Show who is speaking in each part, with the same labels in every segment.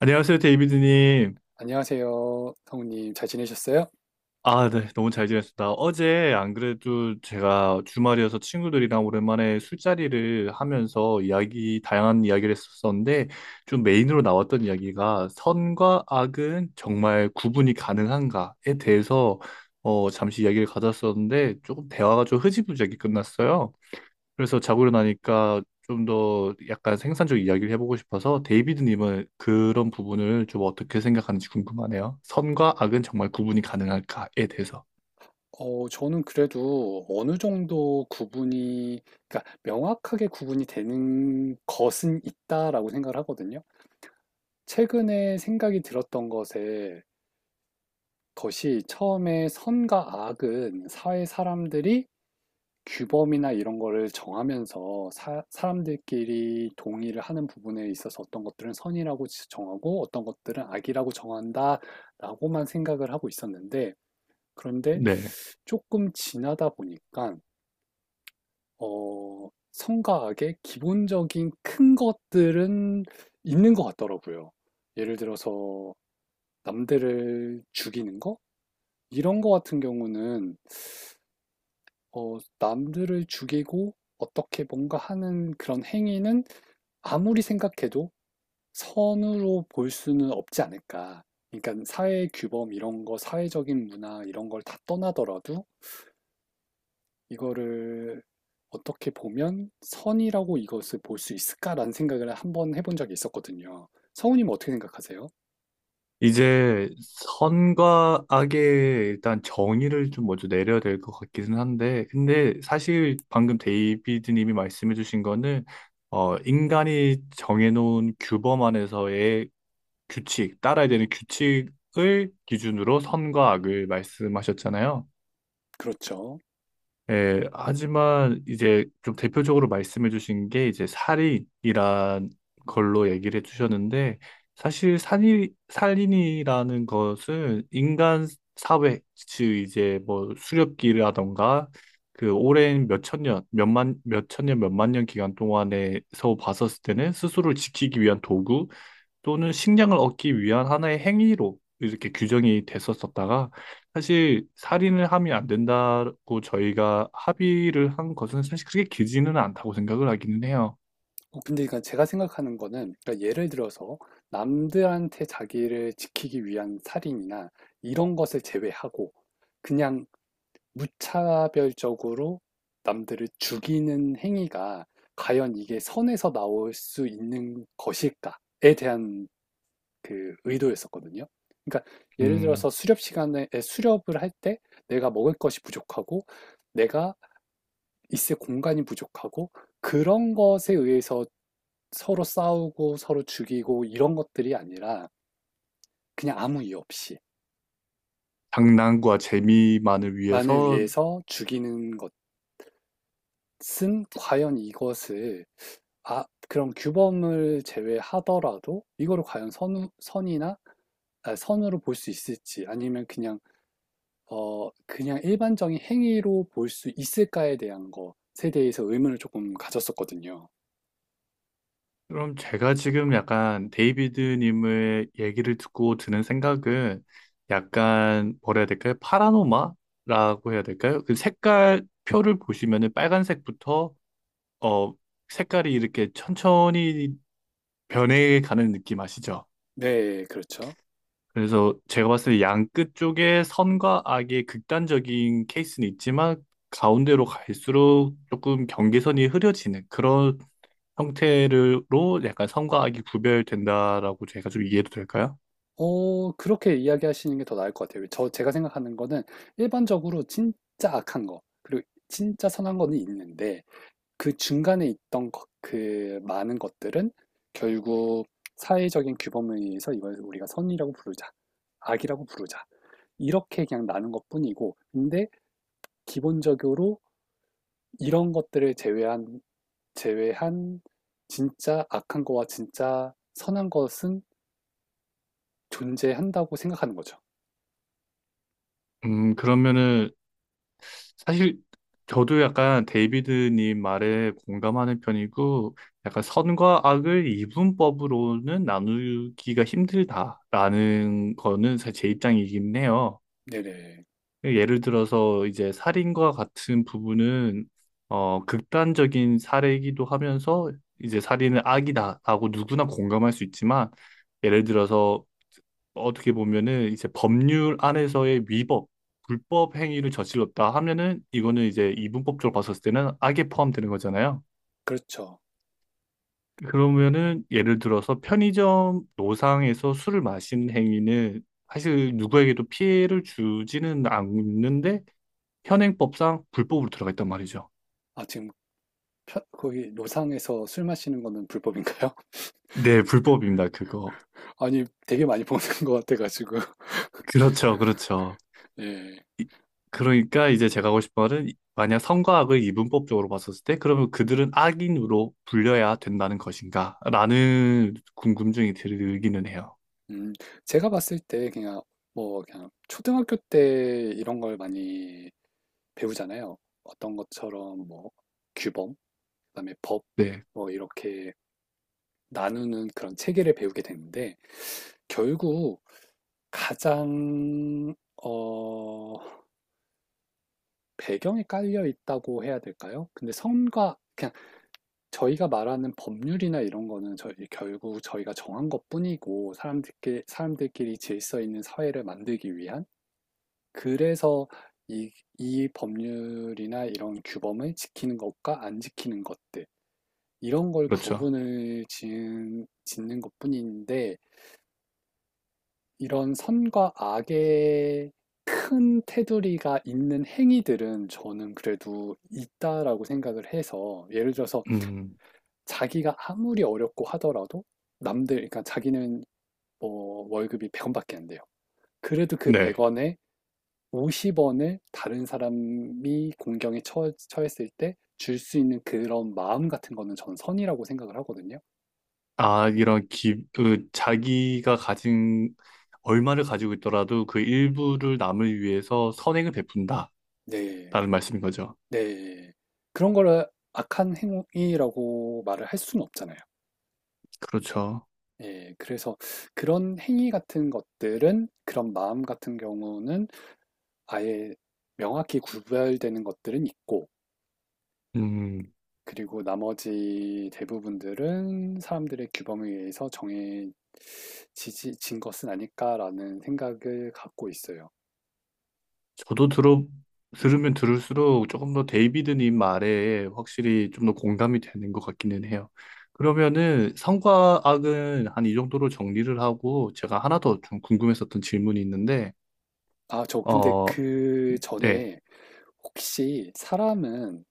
Speaker 1: 안녕하세요, 데이비드님.
Speaker 2: 안녕하세요, 성우님. 잘 지내셨어요?
Speaker 1: 아, 네, 너무 잘 지냈습니다. 어제 안 그래도 제가 주말이어서 친구들이랑 오랜만에 술자리를 하면서 다양한 이야기를 했었었는데, 좀 메인으로 나왔던 이야기가 선과 악은 정말 구분이 가능한가에 대해서 잠시 이야기를 가졌었는데, 조금 대화가 좀 흐지부지하게 끝났어요. 그래서 자고 일어나니까 좀 더 약간 생산적 이야기를 해보고 싶어서 데이비드님은 그런 부분을 좀 어떻게 생각하는지 궁금하네요. 선과 악은 정말 구분이 가능할까에 대해서.
Speaker 2: 저는 그래도 어느 정도 구분이, 그러니까 명확하게 구분이 되는 것은 있다라고 생각을 하거든요. 최근에 생각이 들었던 것에 것이 처음에 선과 악은 사회 사람들이 규범이나 이런 거를 정하면서 사람들끼리 동의를 하는 부분에 있어서 어떤 것들은 선이라고 정하고 어떤 것들은 악이라고 정한다라고만 생각을 하고 있었는데 그런데
Speaker 1: 네.
Speaker 2: 조금 지나다 보니까 성가학의 기본적인 큰 것들은 있는 것 같더라고요. 예를 들어서 남들을 죽이는 거? 이런 거 같은 경우는 남들을 죽이고 어떻게 뭔가 하는 그런 행위는 아무리 생각해도 선으로 볼 수는 없지 않을까. 그러니까 사회 규범 이런 거, 사회적인 문화 이런 걸 다 떠나더라도 이거를 어떻게 보면 선이라고 이것을 볼 수 있을까라는 생각을 한번 해본 적이 있었거든요. 성우님 어떻게 생각하세요?
Speaker 1: 이제 선과 악의 일단 정의를 좀 먼저 내려야 될 것 같기는 한데, 근데 사실 방금 데이비드님이 말씀해주신 거는, 인간이 정해놓은 규범 안에서의 규칙, 따라야 되는 규칙을 기준으로 선과 악을 말씀하셨잖아요.
Speaker 2: 그렇죠.
Speaker 1: 예, 하지만 이제 좀 대표적으로 말씀해 주신 게 이제 살인이란 걸로 얘기를 해 주셨는데 사실 살인이라는 것은 인간 사회, 즉 이제 뭐 수렵기라던가 그 오랜 몇천 년, 몇만 년 기간 동안에서 봤었을 때는 스스로를 지키기 위한 도구, 또는 식량을 얻기 위한 하나의 행위로 이렇게 규정이 됐었었다가 사실 살인을 하면 안 된다고 저희가 합의를 한 것은 사실 그렇게 길지는 않다고 생각을 하기는 해요.
Speaker 2: 근데 그러니까 제가 생각하는 거는 그러니까 예를 들어서 남들한테 자기를 지키기 위한 살인이나 이런 것을 제외하고 그냥 무차별적으로 남들을 죽이는 행위가 과연 이게 선에서 나올 수 있는 것일까에 대한 그 의도였었거든요. 그러니까 예를
Speaker 1: 음,
Speaker 2: 들어서 수렵 시간에 수렵을 할 때 내가 먹을 것이 부족하고 내가 있을 공간이 부족하고 그런 것에 의해서 서로 싸우고 서로 죽이고 이런 것들이 아니라 그냥 아무 이유 없이
Speaker 1: 장난과 재미만을
Speaker 2: 만을
Speaker 1: 위해서.
Speaker 2: 위해서 죽이는 것은 과연 이것을 아 그런 규범을 제외하더라도 이거를 과연 선 선이나 아, 선으로 볼 수 있을지 아니면 그냥 그냥 일반적인 행위로 볼 수 있을까에 대한 것에 대해서 의문을 조금 가졌었거든요.
Speaker 1: 그럼 제가 지금 약간 데이비드님의 얘기를 듣고 드는 생각은 약간 뭐라 해야 될까요? 파라노마라고 해야 될까요? 그 색깔 표를 보시면은 빨간색부터 어 색깔이 이렇게 천천히 변해가는 느낌 아시죠?
Speaker 2: 네, 그렇죠.
Speaker 1: 그래서 제가 봤을 때 양끝 쪽에 선과 악의 극단적인 케이스는 있지만 가운데로 갈수록 조금 경계선이 흐려지는 그런 형태로 약간 선과 악이 구별된다라고 제가 좀 이해도 될까요?
Speaker 2: 그렇게 이야기하시는 게 더 나을 것 같아요. 제가 생각하는 거는 일반적으로 진짜 악한 거 그리고 진짜 선한 거는 있는데 그 중간에 있던 것 그 많은 것들은 결국 사회적인 규범에 의해서 이걸 우리가 '선이라고 부르자. 악이라고 부르자.' 이렇게 그냥 나눈 것뿐이고 근데 기본적으로 이런 것들을 제외한 제외한 진짜 악한 거와 진짜 선한 것은 존재한다고 생각하는 거죠.
Speaker 1: 그러면은 사실 저도 약간 데이비드님 말에 공감하는 편이고 약간 선과 악을 이분법으로는 나누기가 힘들다라는 거는 사실 제 입장이긴 해요.
Speaker 2: 네네.
Speaker 1: 예를 들어서 이제 살인과 같은 부분은 극단적인 사례이기도 하면서 이제 살인은 악이다라고 누구나 공감할 수 있지만 예를 들어서 어떻게 보면은 이제 법률 안에서의 위법, 불법 행위를 저질렀다 하면은 이거는 이제 이분법적으로 봤었을 때는 악에 포함되는 거잖아요.
Speaker 2: 그렇죠.
Speaker 1: 그러면은 예를 들어서 편의점 노상에서 술을 마시는 행위는 사실 누구에게도 피해를 주지는 않는데 현행법상 불법으로 들어가 있단 말이죠.
Speaker 2: 아, 지금 거기 노상에서 술 마시는 거는 불법인가요?
Speaker 1: 네, 불법입니다, 그거.
Speaker 2: 아니, 되게 많이 보는 것 같아가지고.
Speaker 1: 그렇죠, 그렇죠.
Speaker 2: 예.
Speaker 1: 이- 그러니까 이제 제가 하고 싶은 말은 만약 선과 악을 이분법적으로 봤었을 때 그러면 그들은 악인으로 불려야 된다는 것인가? 라는 궁금증이 들기는 해요.
Speaker 2: 음, 제가 봤을 때 그냥 뭐 그냥 초등학교 때 이런 걸 많이 배우잖아요. 어떤 것처럼 뭐 규범, 그다음에 법,
Speaker 1: 네,
Speaker 2: 뭐 이렇게 나누는 그런 체계를 배우게 되는데 결국 가장 어, 배경에 깔려 있다고 해야 될까요? 근데 선과 그냥 저희가 말하는 법률이나 이런 거는 저희 결국 저희가 정한 것뿐이고 사람들끼리 질서 있는 사회를 만들기 위한 그래서 이, 이 법률이나 이런 규범을 지키는 것과 안 지키는 것들 이런 걸
Speaker 1: 그렇죠.
Speaker 2: 구분을 짓는 것뿐인데 이런 선과 악의 큰 테두리가 있는 행위들은 저는 그래도 있다라고 생각을 해서 예를 들어서
Speaker 1: 음,
Speaker 2: 자기가 아무리 어렵고 하더라도 남들, 그러니까 자기는 뭐 월급이 100원밖에 안 돼요. 그래도 그
Speaker 1: 네.
Speaker 2: 100원에 50원을 다른 사람이 공경에 처했을 때 줄 수 있는 그런 마음 같은 거는 전 선이라고 생각을 하거든요.
Speaker 1: 그 자기가 가진 얼마를 가지고 있더라도 그 일부를 남을 위해서 선행을 베푼다라는
Speaker 2: 네,
Speaker 1: 말씀인 거죠.
Speaker 2: 네. 그런 거를 악한 행위라고 말을 할 수는 없잖아요.
Speaker 1: 그렇죠.
Speaker 2: 예, 그래서 그런 행위 같은 것들은 그런 마음 같은 경우는 아예 명확히 구별되는 것들은 있고,
Speaker 1: 음.
Speaker 2: 그리고 나머지 대부분들은 사람들의 규범에 의해서 정해진 것은 아닐까라는 생각을 갖고 있어요.
Speaker 1: 저도 들어 들으면 들을수록 조금 더 데이비드님 말에 확실히 좀 더 공감이 되는 것 같기는 해요. 그러면은 성과 악은 한 이 정도로 정리를 하고 제가 하나 더 좀 궁금했었던 질문이 있는데
Speaker 2: 아, 근데
Speaker 1: 어
Speaker 2: 그
Speaker 1: 네.
Speaker 2: 전에 혹시 사람은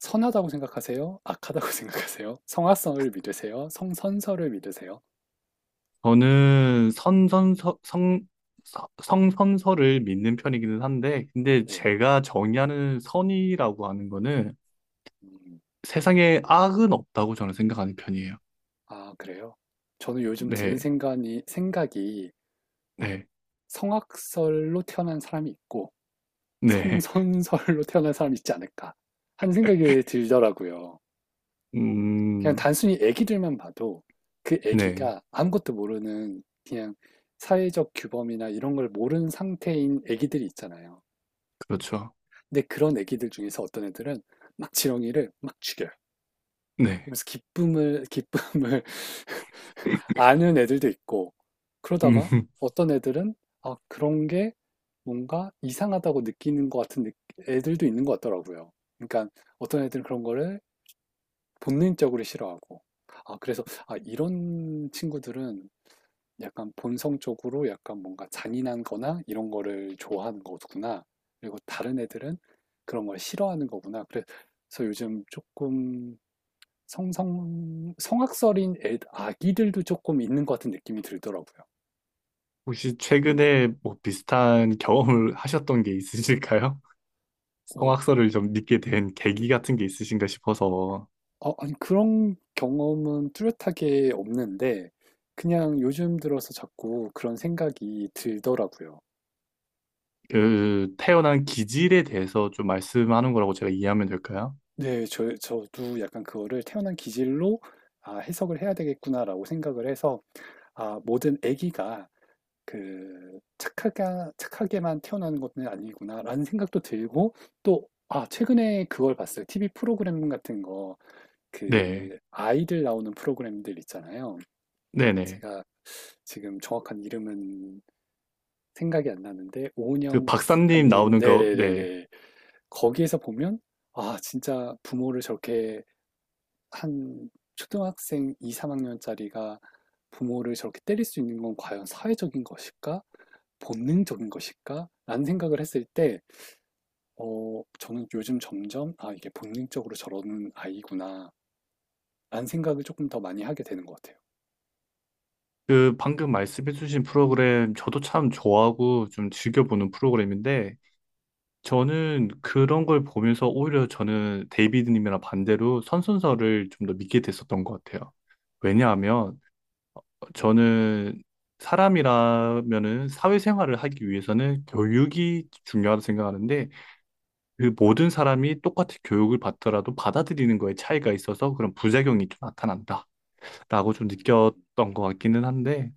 Speaker 2: 선하다고 생각하세요? 악하다고 생각하세요? 성악성을 믿으세요? 성선설을 믿으세요?
Speaker 1: 저는 선선서 성 서- 성선서를 믿는 편이기는 한데 근데
Speaker 2: 네.
Speaker 1: 제가 정의하는 선이라고 하는 거는
Speaker 2: 음.
Speaker 1: 세상에 악은 없다고 저는 생각하는 편이에요.
Speaker 2: 아, 그래요? 저는 요즘 드는
Speaker 1: 네.
Speaker 2: 생각이
Speaker 1: 네.
Speaker 2: 성악설로 태어난 사람이 있고
Speaker 1: 네.
Speaker 2: 성선설로 태어난 사람이 있지 않을까 하는 생각이 들더라고요. 그냥
Speaker 1: 음,
Speaker 2: 단순히 애기들만 봐도 그
Speaker 1: 네,
Speaker 2: 애기가 아무것도 모르는 그냥 사회적 규범이나 이런 걸 모르는 상태인 애기들이 있잖아요.
Speaker 1: 그렇죠.
Speaker 2: 근데 그런 애기들 중에서 어떤 애들은 막 지렁이를 막 죽여요.
Speaker 1: 네.
Speaker 2: 그러면서 기쁨을 아는 애들도 있고,
Speaker 1: 음,
Speaker 2: 그러다가 어떤 애들은, 아, 그런 게 뭔가 이상하다고 느끼는 것 같은 애들도 있는 것 같더라고요. 그러니까 어떤 애들은 그런 거를 본능적으로 싫어하고, 아, 그래서, 아, 이런 친구들은 약간 본성적으로 약간 뭔가 잔인한 거나 이런 거를 좋아하는 거구나. 그리고 다른 애들은 그런 걸 싫어하는 거구나. 그래서 요즘 조금 아기들도 조금 있는 것 같은 느낌이 들더라고요.
Speaker 1: 혹시 최근에 뭐 비슷한 경험을 하셨던 게 있으실까요?
Speaker 2: 어,
Speaker 1: 성악설을 좀 믿게 된 계기 같은 게 있으신가 싶어서
Speaker 2: 아니, 그런 경험은 뚜렷하게 없는데, 그냥 요즘 들어서 자꾸 그런 생각이 들더라고요.
Speaker 1: 그 태어난 기질에 대해서 좀 말씀하는 거라고 제가 이해하면 될까요?
Speaker 2: 네, 저도 약간 그거를 태어난 기질로, 아, 해석을 해야 되겠구나라고 생각을 해서, 아, 모든 아기가 그 착하게만 태어나는 것은 아니구나라는 생각도 들고, 또, 최근에 그걸 봤어요. TV 프로그램 같은 거,
Speaker 1: 네,
Speaker 2: 그, 아이들 나오는 프로그램들 있잖아요.
Speaker 1: 네네.
Speaker 2: 제가 지금 정확한 이름은 생각이 안 나는데
Speaker 1: 그
Speaker 2: 오은영 박사
Speaker 1: 박사님
Speaker 2: 님
Speaker 1: 나오는 거, 네.
Speaker 2: 네네네네 거기에서 보면 아 진짜 부모를 저렇게 한 초등학생 2, 3학년짜리가 부모를 저렇게 때릴 수 있는 건 과연 사회적인 것일까? 본능적인 것일까? 라는 생각을 했을 때, 어, 저는 요즘 점점, 아, 이게 본능적으로 저러는 아이구나. 라는 생각을 조금 더 많이 하게 되는 것 같아요.
Speaker 1: 그 방금 말씀해주신 프로그램 저도 참 좋아하고 좀 즐겨보는 프로그램인데 저는 그런 걸 보면서 오히려 저는 데이비드님이랑 반대로 선순서를 좀 더 믿게 됐었던 것 같아요.
Speaker 2: 음,
Speaker 1: 왜냐하면 저는 사람이라면은 사회생활을 하기 위해서는 교육이 중요하다고 생각하는데 그 모든 사람이 똑같이 교육을 받더라도 받아들이는 거에 차이가 있어서 그런 부작용이 좀 나타난다라고 좀
Speaker 2: 음,
Speaker 1: 느꼈던 것 같기는 한데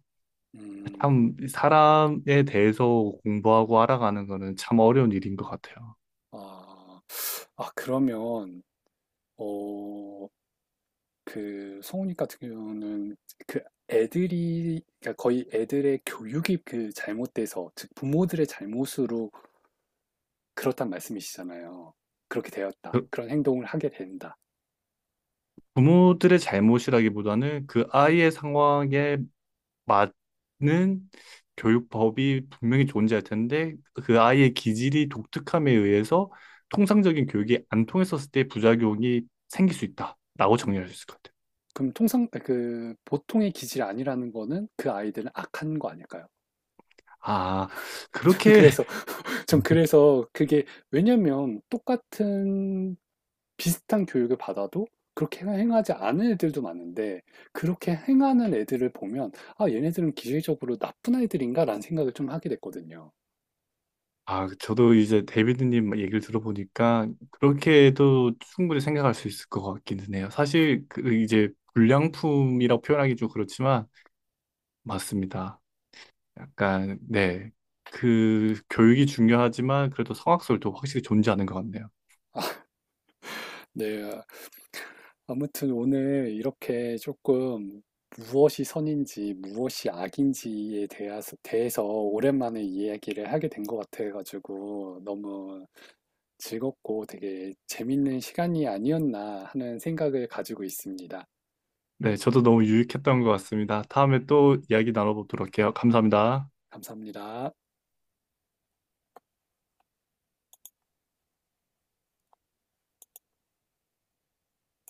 Speaker 2: 음,
Speaker 1: 참 사람에 대해서 공부하고 알아가는 거는 참 어려운 일인 것 같아요.
Speaker 2: 아, 아, 그러면, 어, 성우님 같은 경우는 그 애들이, 그러니까 거의 애들의 교육이 그 잘못돼서, 즉, 부모들의 잘못으로 그렇단 말씀이시잖아요. 그렇게 되었다. 그런 행동을 하게 된다.
Speaker 1: 부모들의 잘못이라기보다는 그 아이의 상황에 맞는 교육법이 분명히 존재할 텐데 그 아이의 기질이 독특함에 의해서 통상적인 교육이 안 통했었을 때 부작용이 생길 수 있다라고 정리할 수 있을 것 같아요.
Speaker 2: 그럼 통상, 그, 보통의 기질이 아니라는 거는 그 아이들은 악한 거 아닐까요?
Speaker 1: 아,
Speaker 2: 저는
Speaker 1: 그렇게,
Speaker 2: 그래서 전 그래서 그게 왜냐면 똑같은 비슷한 교육을 받아도 그렇게 행하지 않은 애들도 많은데 그렇게 행하는 애들을 보면 아 얘네들은 기질적으로 나쁜 아이들인가라는 생각을 좀 하게 됐거든요.
Speaker 1: 아, 저도 이제 데이비드님 얘기를 들어보니까 그렇게도 충분히 생각할 수 있을 것 같기는 해요. 사실 그 이제 불량품이라고 표현하기 좀 그렇지만 맞습니다. 약간 네. 그 교육이 중요하지만 그래도 성악설도 확실히 존재하는 것 같네요.
Speaker 2: 네. 아무튼 오늘 이렇게 조금 무엇이 선인지 무엇이 악인지에 대해서 오랜만에 이야기를 하게 된 것 같아가지고 너무 즐겁고 되게 재밌는 시간이 아니었나 하는 생각을 가지고 있습니다.
Speaker 1: 네, 저도 너무 유익했던 것 같습니다. 다음에 또 이야기 나눠보도록 해요. 감사합니다.
Speaker 2: 감사합니다.